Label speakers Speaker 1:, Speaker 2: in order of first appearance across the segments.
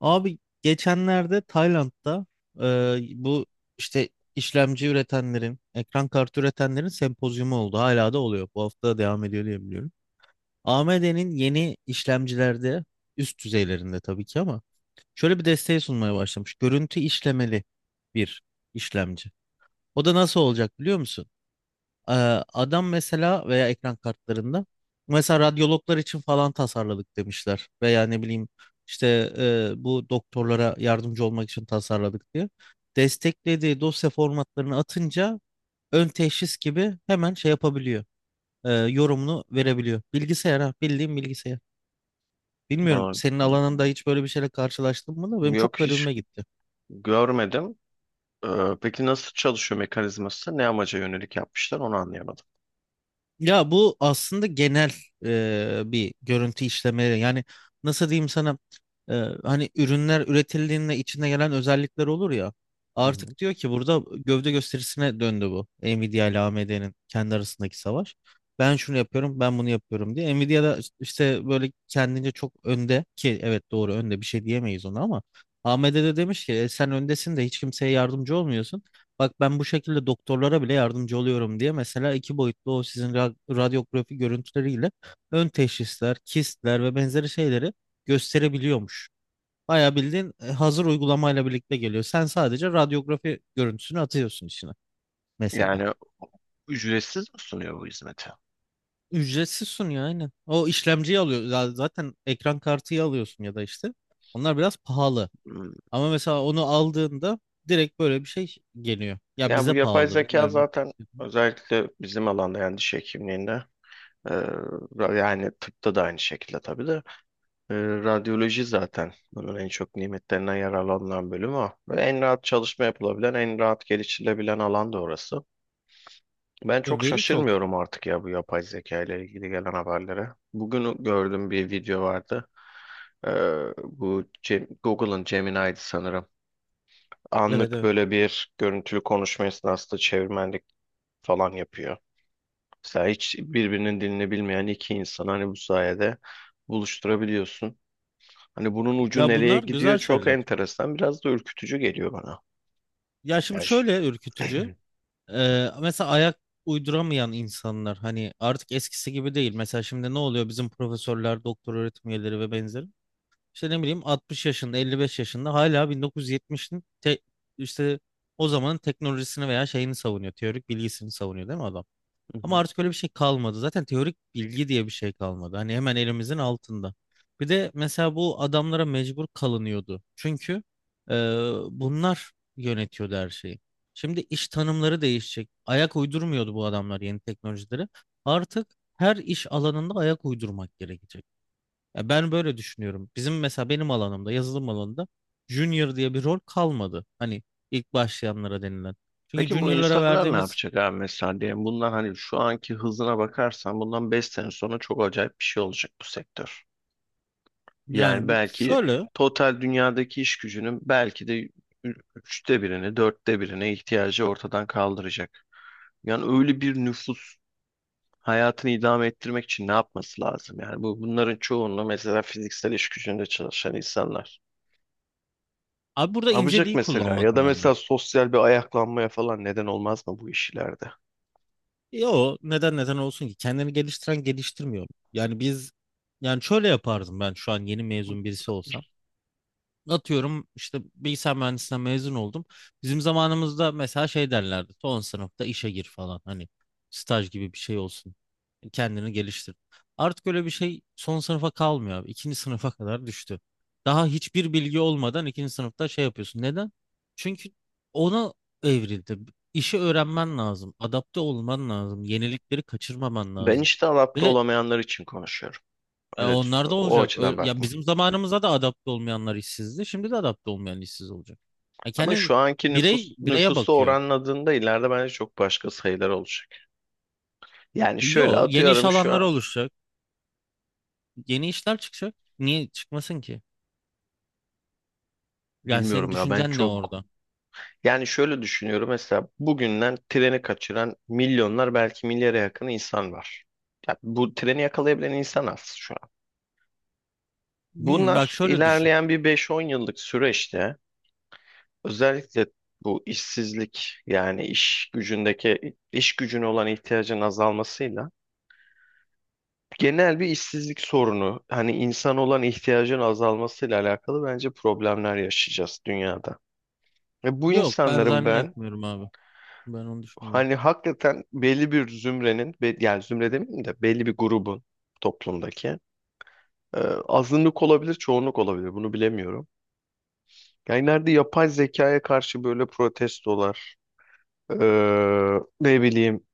Speaker 1: Abi geçenlerde Tayland'da e, bu işte işlemci üretenlerin, ekran kartı üretenlerin sempozyumu oldu. Hala da oluyor. Bu hafta devam ediyor diye biliyorum. AMD'nin yeni işlemcilerde üst düzeylerinde tabii ki ama şöyle bir desteği sunmaya başlamış. Görüntü işlemeli bir işlemci. O da nasıl olacak biliyor musun? Ee, Adam mesela veya ekran kartlarında mesela radyologlar için falan tasarladık demişler veya ne bileyim işte bu doktorlara yardımcı olmak için tasarladık diye desteklediği dosya formatlarını atınca ön teşhis gibi hemen şey yapabiliyor, yorumunu verebiliyor bilgisayar. Ha, bildiğim bilgisayar, bilmiyorum
Speaker 2: Aa,
Speaker 1: senin alanında hiç böyle bir şeyle karşılaştın mı da benim çok
Speaker 2: yok hiç
Speaker 1: garibime gitti.
Speaker 2: görmedim. Ee, peki nasıl çalışıyor mekanizması? Ne amaca yönelik yapmışlar onu anlayamadım.
Speaker 1: Ya bu aslında genel bir görüntü işleme. Yani nasıl diyeyim sana, e, hani ürünler üretildiğinde içinde gelen özellikler olur ya.
Speaker 2: Hı hı.
Speaker 1: Artık diyor ki burada gövde gösterisine döndü bu. Nvidia ile AMD'nin kendi arasındaki savaş. Ben şunu yapıyorum, ben bunu yapıyorum diye. Nvidia da işte böyle kendince çok önde ki evet doğru, önde bir şey diyemeyiz ona, ama AMD de demiş ki "E, sen öndesin de hiç kimseye yardımcı olmuyorsun. Bak ben bu şekilde doktorlara bile yardımcı oluyorum" diye. Mesela iki boyutlu o sizin radyografi görüntüleriyle ön teşhisler, kistler ve benzeri şeyleri gösterebiliyormuş. Bayağı bildiğin hazır uygulamayla birlikte geliyor. Sen sadece radyografi görüntüsünü atıyorsun içine mesela.
Speaker 2: Yani ücretsiz mi sunuyor bu hizmeti?
Speaker 1: Ücretsiz sunuyor aynen. O işlemciyi alıyor. Zaten ekran kartıyı alıyorsun ya da işte. Onlar biraz pahalı.
Speaker 2: Hmm.
Speaker 1: Ama mesela onu aldığında direkt böyle bir şey geliyor. Ya
Speaker 2: Yani
Speaker 1: bize
Speaker 2: bu yapay
Speaker 1: pahalı,
Speaker 2: zeka
Speaker 1: bilmiyorum.
Speaker 2: zaten özellikle bizim alanda, yani diş hekimliğinde, e, yani tıpta da aynı şekilde tabii de, e, radyoloji zaten bunun en çok nimetlerinden yararlanılan bölümü o. Ve en rahat çalışma yapılabilen, en rahat geliştirilebilen alan da orası. Ben
Speaker 1: Ya
Speaker 2: çok
Speaker 1: veri çok.
Speaker 2: şaşırmıyorum artık ya bu yapay zeka ile ilgili gelen haberlere. Bugün gördüm, bir video vardı. Ee, Bu Google'ın Gemini'ydi sanırım.
Speaker 1: Evet,
Speaker 2: Anlık
Speaker 1: evet.
Speaker 2: böyle bir görüntülü konuşma esnasında çevirmenlik falan yapıyor. Mesela hiç birbirinin dilini bilmeyen iki insan hani bu sayede buluşturabiliyorsun. Hani bunun ucu
Speaker 1: Ya
Speaker 2: nereye
Speaker 1: bunlar
Speaker 2: gidiyor,
Speaker 1: güzel
Speaker 2: çok
Speaker 1: şeyler.
Speaker 2: enteresan. Biraz da ürkütücü geliyor bana.
Speaker 1: Ya şimdi
Speaker 2: Ya
Speaker 1: şöyle ürkütücü. Mesela ayak uyduramayan insanlar hani artık eskisi gibi değil. Mesela şimdi ne oluyor, bizim profesörler, doktor öğretim üyeleri ve benzeri. İşte ne bileyim 60 yaşında, 55 yaşında hala 1970'in işte o zamanın teknolojisini veya şeyini savunuyor. Teorik bilgisini savunuyor, değil mi adam?
Speaker 2: Hı
Speaker 1: Ama
Speaker 2: hı.
Speaker 1: artık öyle bir şey kalmadı. Zaten teorik bilgi diye bir şey kalmadı. Hani hemen elimizin altında. Bir de mesela bu adamlara mecbur kalınıyordu. Çünkü e, bunlar yönetiyordu her şeyi. Şimdi iş tanımları değişecek. Ayak uydurmuyordu bu adamlar yeni teknolojileri. Artık her iş alanında ayak uydurmak gerekecek. Ya ben böyle düşünüyorum. Bizim mesela benim alanımda, yazılım alanında junior diye bir rol kalmadı. Hani ilk başlayanlara denilen. Çünkü
Speaker 2: Peki bu
Speaker 1: juniorlara
Speaker 2: insanlar ne
Speaker 1: verdiğimiz
Speaker 2: yapacak abi? Mesela diyelim, bundan, hani şu anki hızına bakarsan, bundan 5 sene sonra çok acayip bir şey olacak bu sektör. Yani
Speaker 1: yani bu
Speaker 2: belki
Speaker 1: şöyle
Speaker 2: total dünyadaki iş gücünün belki de üçte birini, dörtte birine ihtiyacı ortadan kaldıracak. Yani öyle bir nüfus hayatını idame ettirmek için ne yapması lazım? Yani bu bunların çoğunluğu mesela fiziksel iş gücünde çalışan insanlar.
Speaker 1: Abi burada
Speaker 2: Yapacak
Speaker 1: inceliği
Speaker 2: mesela,
Speaker 1: kullanmak
Speaker 2: ya da
Speaker 1: önemli.
Speaker 2: mesela sosyal bir ayaklanmaya falan neden olmaz mı bu işlerde?
Speaker 1: Yo, neden olsun ki? Kendini geliştiren geliştirmiyor. Yani biz Yani şöyle yapardım ben, şu an yeni mezun birisi olsam. Atıyorum işte bilgisayar mühendisliğinden mezun oldum. Bizim zamanımızda mesela şey derlerdi. Son sınıfta işe gir falan. Hani staj gibi bir şey olsun. Kendini geliştir. Artık öyle bir şey son sınıfa kalmıyor abi. İkinci sınıfa kadar düştü. Daha hiçbir bilgi olmadan ikinci sınıfta şey yapıyorsun. Neden? Çünkü ona evrildi. İşi öğrenmen lazım. Adapte olman lazım. Yenilikleri kaçırmaman
Speaker 2: Ben
Speaker 1: lazım.
Speaker 2: işte adapte
Speaker 1: Ve
Speaker 2: olamayanlar için konuşuyorum. Öyle düş-
Speaker 1: onlar da
Speaker 2: o
Speaker 1: olacak.
Speaker 2: açıdan
Speaker 1: Ya
Speaker 2: bakma.
Speaker 1: bizim zamanımıza da adapte olmayanlar işsizdi. Şimdi de adapte olmayan işsiz olacak. Ya
Speaker 2: Ama
Speaker 1: kendi
Speaker 2: şu anki
Speaker 1: birey
Speaker 2: nüfus
Speaker 1: bireye
Speaker 2: nüfusu
Speaker 1: bakıyor.
Speaker 2: oranladığında ileride bence çok başka sayılar olacak. Yani şöyle
Speaker 1: Yo, yeni iş
Speaker 2: atıyorum, şu
Speaker 1: alanları
Speaker 2: an
Speaker 1: oluşacak. Yeni işler çıkacak. Niye çıkmasın ki? Yani senin
Speaker 2: bilmiyorum ya, ben
Speaker 1: düşüncen ne
Speaker 2: çok
Speaker 1: orada?
Speaker 2: yani şöyle düşünüyorum: mesela bugünden treni kaçıran milyonlar, belki milyara yakın insan var. Ya bu treni yakalayabilen insan az şu an.
Speaker 1: Hmm, bak
Speaker 2: Bunlar
Speaker 1: şöyle düşün.
Speaker 2: ilerleyen bir 5-10 yıllık süreçte, özellikle bu işsizlik, yani iş gücündeki iş gücüne olan ihtiyacın azalmasıyla, genel bir işsizlik sorunu, hani insan olan ihtiyacın azalmasıyla alakalı bence problemler yaşayacağız dünyada. Ve bu
Speaker 1: Yok, ben
Speaker 2: insanların ben,
Speaker 1: zannetmiyorum abi. Ben onu düşünmüyorum.
Speaker 2: hani hakikaten belli bir zümrenin yani zümre demeyeyim de belli bir grubun toplumdaki, e, azınlık olabilir, çoğunluk olabilir bunu bilemiyorum. Yani nerede yapay zekaya karşı böyle protestolar, e, ne bileyim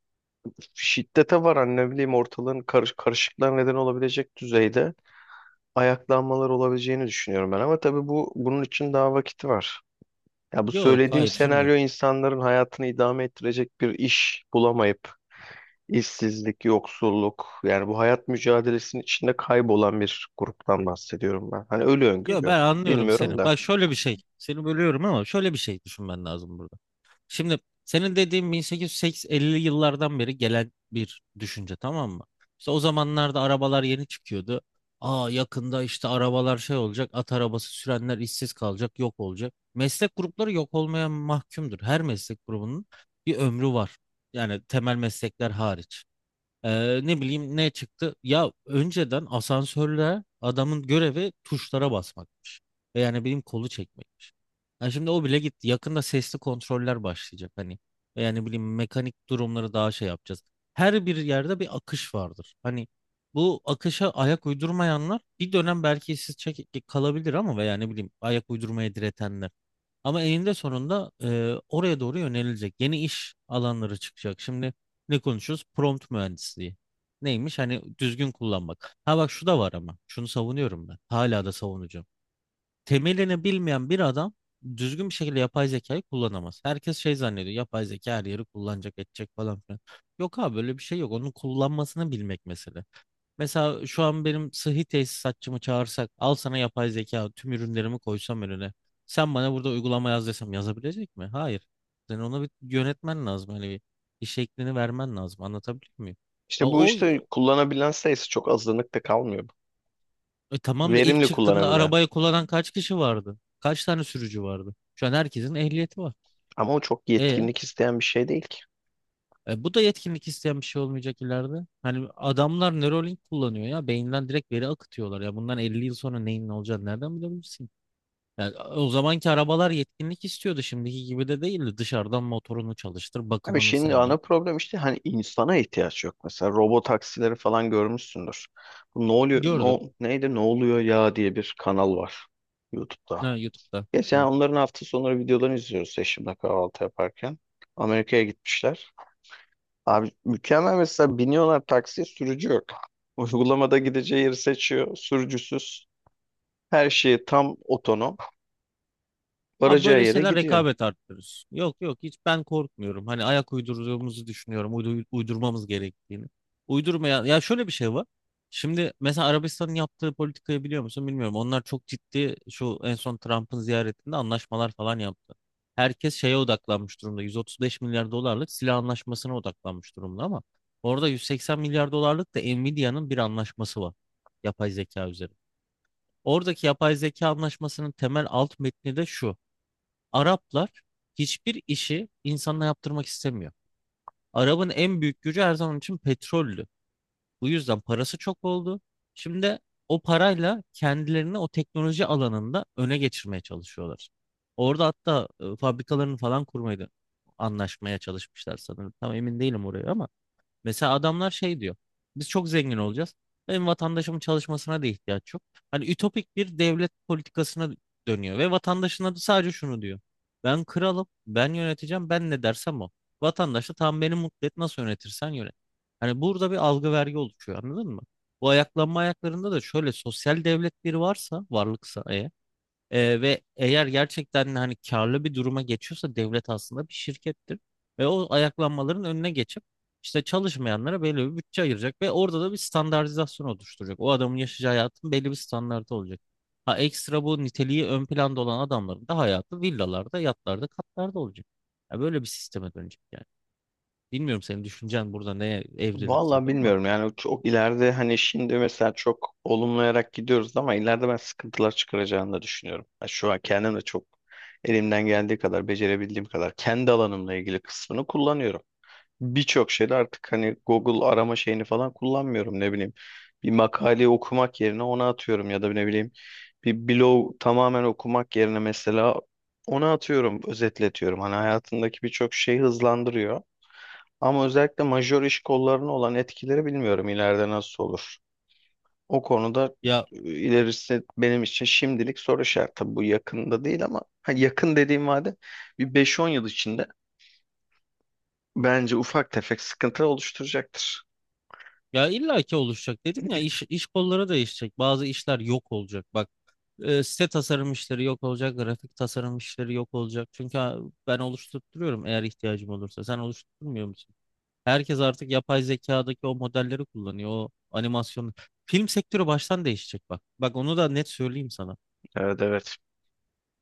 Speaker 2: şiddete varan, ne bileyim ortalığın karışıklığa neden olabilecek düzeyde ayaklanmalar olabileceğini düşünüyorum ben. Ama tabii bu bunun için daha vakit var. Ya bu
Speaker 1: Yok,
Speaker 2: söylediğim
Speaker 1: hayır şimdi.
Speaker 2: senaryo, insanların hayatını idame ettirecek bir iş bulamayıp işsizlik, yoksulluk, yani bu hayat mücadelesinin içinde kaybolan bir gruptan bahsediyorum ben. Hani öyle
Speaker 1: Yok, ben
Speaker 2: öngörüyorum.
Speaker 1: anlıyorum seni.
Speaker 2: Bilmiyorum da.
Speaker 1: Bak şöyle bir şey. Seni bölüyorum ama şöyle bir şey düşünmen lazım burada. Şimdi senin dediğin 1850'li yıllardan beri gelen bir düşünce, tamam mı? İşte o zamanlarda arabalar yeni çıkıyordu. Aa, yakında işte arabalar şey olacak, at arabası sürenler işsiz kalacak, yok olacak. Meslek grupları yok olmaya mahkumdur. Her meslek grubunun bir ömrü var. Yani temel meslekler hariç. Ne bileyim ne çıktı? Ya önceden asansörler, adamın görevi tuşlara basmakmış. Ve yani benim kolu çekmekmiş. Yani şimdi o bile gitti. Yakında sesli kontroller başlayacak hani. Ve yani bileyim mekanik durumları daha şey yapacağız. Her bir yerde bir akış vardır. Hani bu akışa ayak uydurmayanlar bir dönem belki işsiz kalabilir, ama ve yani bileyim ayak uydurmaya diretenler. Ama eninde sonunda oraya doğru yönelilecek. Yeni iş alanları çıkacak. Şimdi ne konuşuyoruz? Prompt mühendisliği. Neymiş? Hani düzgün kullanmak. Ha bak, şu da var ama. Şunu savunuyorum ben. Hala da savunacağım. Temelini bilmeyen bir adam düzgün bir şekilde yapay zekayı kullanamaz. Herkes şey zannediyor. Yapay zeka her yeri kullanacak, edecek falan filan. Yok abi, böyle bir şey yok. Onun kullanmasını bilmek mesele. Mesela şu an benim sıhhi tesisatçımı çağırsak, al sana yapay zeka, tüm ürünlerimi koysam önüne. Sen bana burada uygulama yaz desem, yazabilecek mi? Hayır. Sen ona bir yönetmen lazım. Hani bir iş şeklini vermen lazım. Anlatabiliyor muyum? A,
Speaker 2: İşte bu işte kullanabilen sayısı çok azınlıkta kalmıyor.
Speaker 1: tamam da ilk
Speaker 2: Verimli
Speaker 1: çıktığında
Speaker 2: kullanabilen.
Speaker 1: arabayı kullanan kaç kişi vardı? Kaç tane sürücü vardı? Şu an herkesin ehliyeti var.
Speaker 2: Ama o çok
Speaker 1: E,
Speaker 2: yetkinlik isteyen bir şey değil ki.
Speaker 1: bu da yetkinlik isteyen bir şey olmayacak ileride. Hani adamlar Neuralink kullanıyor ya. Beyinden direkt veri akıtıyorlar. Ya bundan 50 yıl sonra neyin ne olacağını nereden bilebilirsin? Yani o zamanki arabalar yetkinlik istiyordu. Şimdiki gibi de değildi. Dışarıdan motorunu çalıştır,
Speaker 2: Abi
Speaker 1: bakımını
Speaker 2: şimdi
Speaker 1: sen
Speaker 2: ana
Speaker 1: yap.
Speaker 2: problem, işte hani insana ihtiyaç yok. Mesela robot taksileri falan görmüşsündür. Bu ne oluyor,
Speaker 1: Gördüm.
Speaker 2: no, neydi, ne oluyor ya diye bir kanal var YouTube'da.
Speaker 1: Ha, YouTube'da.
Speaker 2: Geçen onların hafta sonları videolarını izliyoruz eşimle kahvaltı yaparken. Amerika'ya gitmişler. Abi mükemmel, mesela biniyorlar taksiye, sürücü yok. Uygulamada gideceği yeri seçiyor. Sürücüsüz. Her şeyi tam otonom.
Speaker 1: Abi
Speaker 2: Varacağı
Speaker 1: böyle
Speaker 2: yere
Speaker 1: şeyler
Speaker 2: gidiyor.
Speaker 1: rekabet arttırır. Yok yok, hiç ben korkmuyorum. Hani ayak uydurduğumuzu düşünüyorum. Uydurmamız gerektiğini. Uydurmaya ya şöyle bir şey var. Şimdi mesela Arabistan'ın yaptığı politikayı biliyor musun bilmiyorum. Onlar çok ciddi şu en son Trump'ın ziyaretinde anlaşmalar falan yaptı. Herkes şeye odaklanmış durumda. 135 milyar dolarlık silah anlaşmasına odaklanmış durumda, ama orada 180 milyar dolarlık da Nvidia'nın bir anlaşması var. Yapay zeka üzerine. Oradaki yapay zeka anlaşmasının temel alt metni de şu. Araplar hiçbir işi insanla yaptırmak istemiyor. Arabın en büyük gücü her zaman için petrollü. Bu yüzden parası çok oldu. Şimdi de o parayla kendilerini o teknoloji alanında öne geçirmeye çalışıyorlar. Orada hatta fabrikalarını falan kurmaydı anlaşmaya çalışmışlar sanırım. Tam emin değilim oraya ama mesela adamlar şey diyor. Biz çok zengin olacağız. Benim vatandaşımın çalışmasına da ihtiyaç yok. Hani ütopik bir devlet politikasına dönüyor ve vatandaşına da sadece şunu diyor. Ben kralım, ben yöneteceğim, ben ne dersem o. Vatandaş da tam beni mutlu et, nasıl yönetirsen yönet. Hani burada bir algı vergi oluşuyor, anladın mı? Bu ayaklanma ayaklarında da şöyle, sosyal devletleri varsa, varlıksa eğer ve eğer gerçekten hani karlı bir duruma geçiyorsa, devlet aslında bir şirkettir. Ve o ayaklanmaların önüne geçip işte çalışmayanlara belli bir bütçe ayıracak ve orada da bir standartizasyon oluşturacak. O adamın yaşayacağı hayatın belli bir standartı olacak. Ha, ekstra bu niteliği ön planda olan adamların da hayatı villalarda, yatlarda, katlarda olacak. Ya böyle bir sisteme dönecek yani. Bilmiyorum senin düşüncen burada neye evrilir
Speaker 2: Vallahi
Speaker 1: tabii ama
Speaker 2: bilmiyorum yani, çok ileride, hani şimdi mesela çok olumlayarak gidiyoruz ama ileride ben sıkıntılar çıkaracağını da düşünüyorum. Ya şu an kendim de çok, elimden geldiği kadar, becerebildiğim kadar kendi alanımla ilgili kısmını kullanıyorum. Birçok şeyde artık hani Google arama şeyini falan kullanmıyorum, ne bileyim. Bir makaleyi okumak yerine ona atıyorum, ya da ne bileyim, bir blog tamamen okumak yerine mesela ona atıyorum, özetletiyorum. Hani hayatındaki birçok şeyi hızlandırıyor. Ama özellikle majör iş kollarına olan etkileri bilmiyorum ileride nasıl olur. O konuda,
Speaker 1: ya
Speaker 2: ilerisi benim için şimdilik soru işareti. Tabii bu yakında değil ama ha, yakın dediğim vade bir 5-10 yıl içinde bence ufak tefek sıkıntı oluşturacaktır.
Speaker 1: ya illaki oluşacak dedim ya, iş kolları değişecek. Bazı işler yok olacak. Bak, E, site tasarım işleri yok olacak, grafik tasarım işleri yok olacak. Çünkü ha, ben oluşturtuyorum eğer ihtiyacım olursa. Sen oluşturmuyor musun? Herkes artık yapay zekadaki o modelleri kullanıyor, o animasyonu. Film sektörü baştan değişecek bak. Bak onu da net söyleyeyim sana.
Speaker 2: Evet, evet.